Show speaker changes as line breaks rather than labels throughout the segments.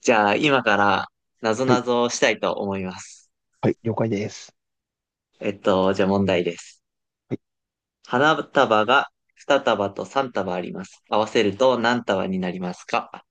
じゃあ、今から、なぞ
は
な
い、
ぞをしたいと思います。
はい、了解です。
じゃあ問題です。
はい、
花束が2束と3束あります。合わせると何束になりますか？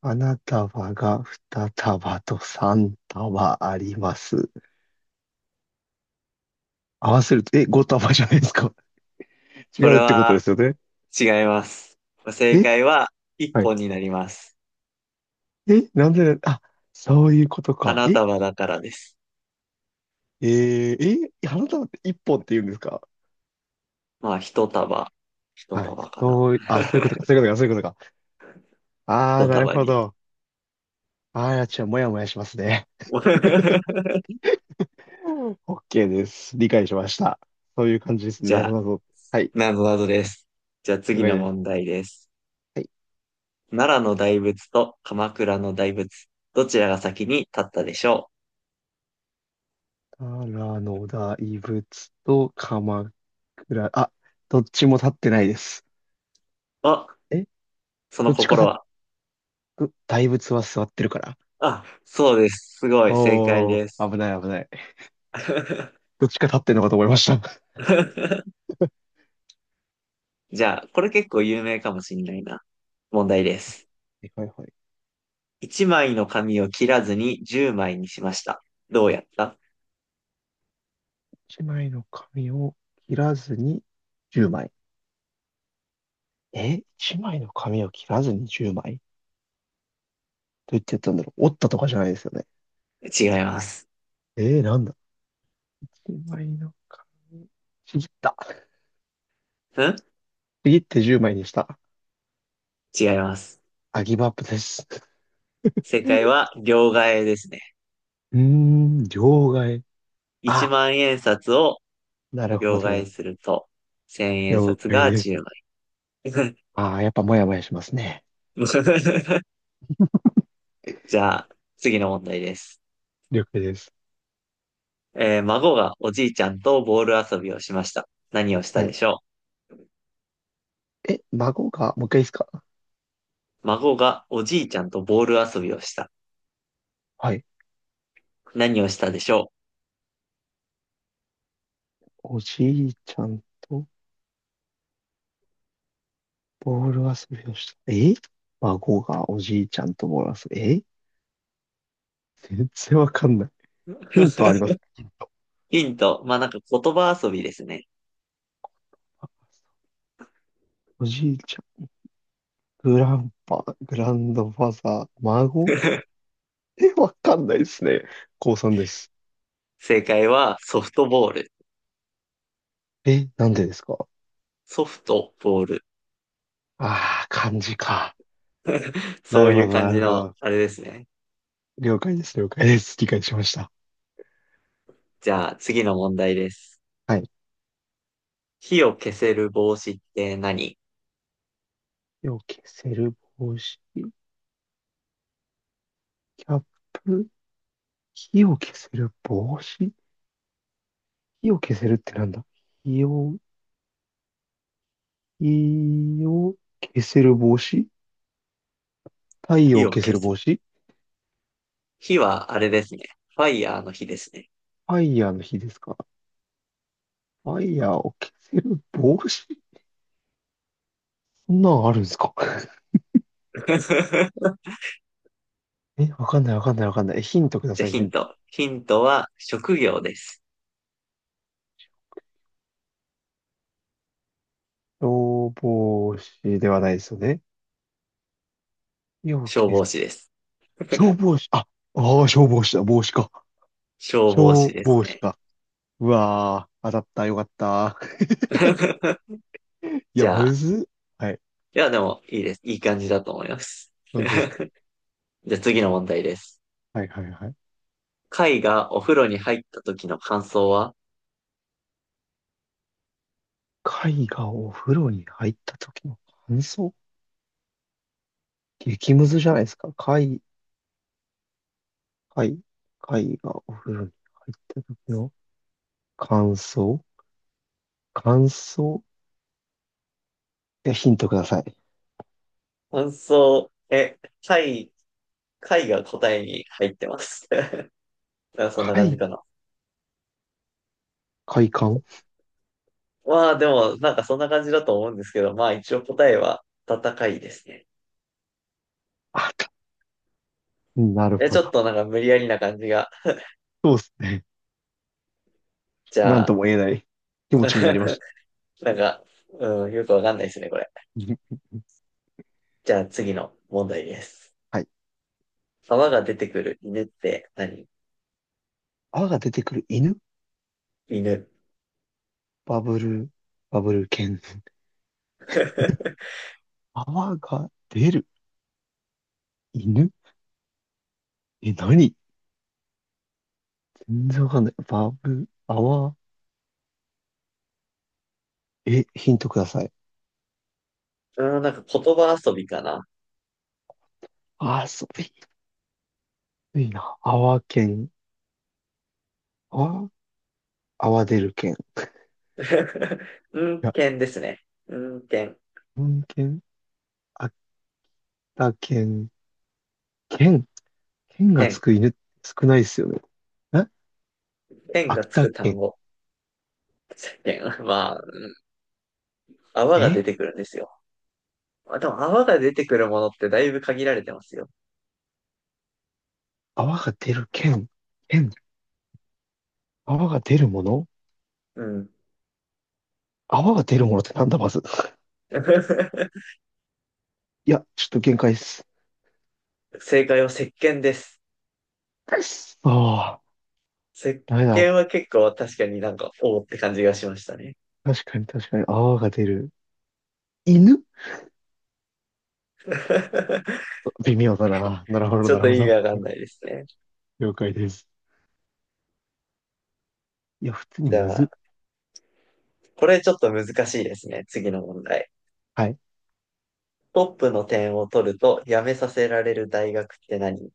花束が2束と3束あります。合わせると、5束じゃないですか。違
これ
うってことで
は
すよね。
違います。正
え、
解は1
はい。
本になります。
え、なんで、あ、そういうことか。
花
え、
束だからです。
花束って1本って言うんですか？
まあ、1束、
はい、
1束かな。
あ、そういうことか、そういうことか、そういうことか。あー、なる
1束
ほ
に。
ど。あー、もやもやしますね。OK です。理解しました。そういう感じですね。
じ
な
ゃ
ぞ
あ、
なぞ。はい、
なぞなぞです。じゃあ
了
次
解
の
です。は
問
い、
題です。奈良の大仏と鎌倉の大仏、どちらが先に立ったでしょ
奈良の大仏と鎌倉、あ、どっちも立ってないです。
う？お、
え
その
どっちか
心
立
は。
っ、大仏は座ってるから。
あ、そうです。すごい、正解
お
です。
ー、危ない危ない。どっちか立ってんのかと思いました。は
じゃあ、これ結構有名かもしんないな。問題です。
いはいはい。
1枚の紙を切らずに10枚にしました。どうやった？
一枚の紙を切らずに10枚。一枚の紙を切らずに10枚、どうやってやったんだろう。折ったとかじゃないですよね。
違います。
なんだ。一枚の紙。ちぎった。
ん
ちぎって10枚にした。
違います。
アギブアップです。
正解は両替えですね。
うーん、両替。
1
あ、
万円札を
なるほ
両替
ど。
すると、1000円
了
札
解
が
です。
10枚。
ああ、やっぱもやもやしますね。
じゃあ、次の問題です。
了解です。
孫がおじいちゃんとボール遊びをしました。何をした
は
で
い。
しょ
え、孫が、もう一回いいですか？
う？孫がおじいちゃんとボール遊びをした。
はい。
何をしたでしょ
おじいちゃんとボール遊びをした。孫がおじいちゃんとボール遊び。全然わかんない。
う？
ヒント ありますか？ヒント。
ヒント。まあ、なんか言葉遊びですね。
おじいちゃん、グランパ、グランドファザー、孫。 わかんないですね。高3です。
正解はソフトボール。
え、なんでですか？
ソフトボール。
ああー、漢字か。な
そ
る
うい
ほ
う
ど、
感
な
じ
るほ
の、
ど。
あれですね。
了解です、了解です。理解しました。
じゃあ、次の問題です。
はい。
火を消せる帽子って何？
火を消せる帽子、キャップ、火を消せる帽子、火を消せるってなんだ。火を、火を消せる帽子。太陽
火
を
を
消せ
消
る
す。
帽子。
火はあれですね。ファイヤーの火ですね。
ファイヤーの火ですか？ファイヤーを消せる帽子。そんなんあるんですか？ え、わかんないわかんないわかんない。ヒントくだ
じゃあ、
さい、
ヒ
ヒ
ン
ント。
ト。ヒントは職業です。
消防士ではないですよね。火を
消
消
防
す。
士です。
消防士。あ、ああ、消防士だ。帽子か。
消防士
消
です
防士
ね。
か。うわー、当たった、よかった。いや、
じゃ
む
あ、
ずっ。はい。
いや、でも、いいです。いい感じだと思います。
本当ですか？
じゃあ次の問題です。
はいはいはい。
貝がお風呂に入った時の感想は？
貝がお風呂に入った時の感想。激ムズじゃないですか。貝、貝、貝がお風呂に入った時の感想。感想。ヒントください。
感想、貝、貝が答えに入ってます。なんかそんな感じ
貝、
かな。
快感。
まあでも、なんかそんな感じだと思うんですけど、まあ一応答えは戦いですね。
あた、なる
ち
ほ
ょっ
ど。
となんか無理やりな感じが。
そうですね。
じ
な
ゃ
んと
あ、
も言えない気持ちになりまし た。
なんか、うん、よくわかんないですね、これ。じゃあ次の問題です。
はい。
泡が出てくる犬って何？
泡が出てくる犬。
犬。
バブル、バブル犬。泡が出る。犬。何？全然わかんない。バブ、アワ、え、ヒントください。
うん、なんか言葉遊びかな。
あー、そう、えいいな。アワ県、アワ、アワ出る県。い
うん、
や、
犬ですね。うん、犬。
本県、秋田県、県、県がつ
犬。
く犬って少ないですよね。え
犬が
秋
つ
田
く単
県。
語。犬。まあ、泡が
え
出てくるんですよ。まあ、でも泡が出てくるものってだいぶ限られてますよ。
泡が出る県、県、泡が出るもの。
うん。
泡が出るものってなんだ、まず。いや、ちょっと限界っす。
正解は石鹸です。
ああ、
石
ダメ
鹸
だ。
は結構確かになんか、おーって感じがしましたね。
確かに確かに泡が出る。犬。 微妙だな。なるほど、
ちょ
な
っ
る
と
ほ
意味
ど。
わかんないですね。
了解です。いや、普通に
じ
む
ゃ
ず
あ、
っ。
これちょっと難しいですね。次の問題。
はい。
トップの点を取ると辞めさせられる大学って何？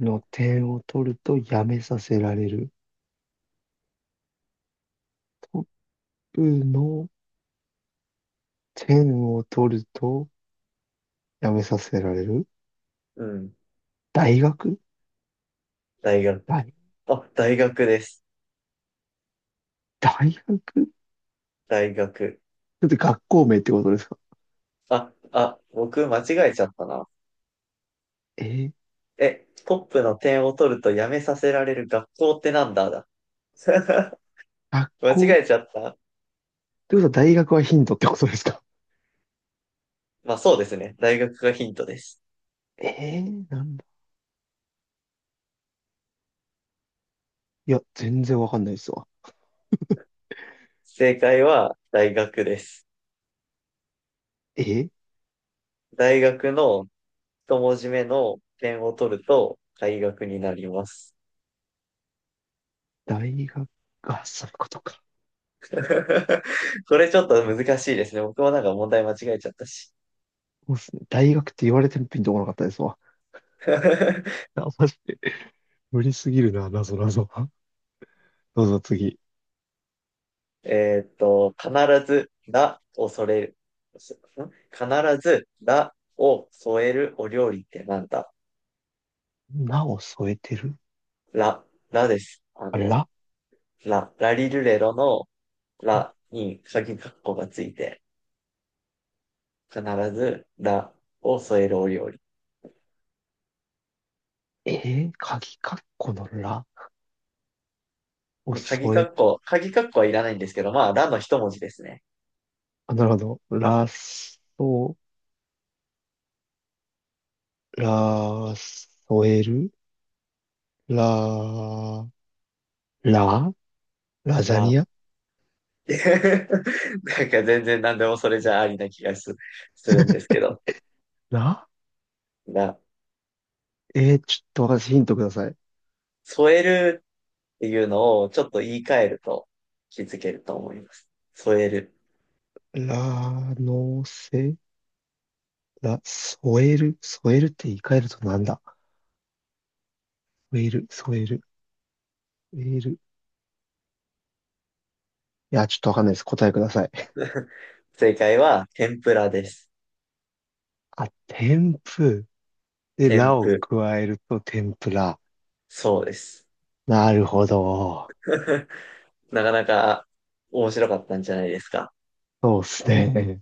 の点を取るとやめさせられる。トップの点を取るとやめさせられる。
うん、
大学。
大学。
大、
あ、大学です。
大学、ち
大学。
ょっと学校名ってことですか？
あ、僕間違えちゃったな。
えー、
え、トップの点を取ると辞めさせられる学校ってなんだだ。
学
間
校っ
違えちゃった。
てことは大学はヒントってことですか？
まあそうですね。大学がヒントです。
なんだ。いや、全然わかんないですわ。
正解は大学です。
えー、
大学の一文字目の点を取ると大学になります。
大学、あ、そういうことか。
これちょっと難しいですね。僕もなんか問題間違えちゃったし。
そうっすね。大学って言われてもピンとこなかったですわ。あ、マジで無理すぎるな、なぞなぞ。どうぞ次。
必ず、らを添える。必ず、らを添えるお料理ってなんだ？
なを添えてる。
ら、らです。
あ、ら。
ら、ラリルレロの
はい。
らに鍵括弧がついて、必ず、らを添えるお料理。
鍵かっこのらを
鍵
添
括
え、
弧、鍵括弧はいらないんですけど、まあ、らの一文字ですね。
あ、なるほど。ら、ら、添える、ら、ら、ラザニ
ら。
ア、
なんか全然何でもそれじゃありな気がするんですけど、
ら。
な、
ちょっと私ヒントください。
添えるっていうのをちょっと言い換えると気づけると思います。添える。
ら、ら、添える、添えるって言い換えるとなんだ。添える、添える、添える。いや、ちょっとわかんないです。答えください。
正解は天ぷらです。
あ、天ぷ。で、
天
らを
ぷ。
加えると天ぷら。
そうです。
なるほど。
なかなか面白かったんじゃないですか。
そうですね。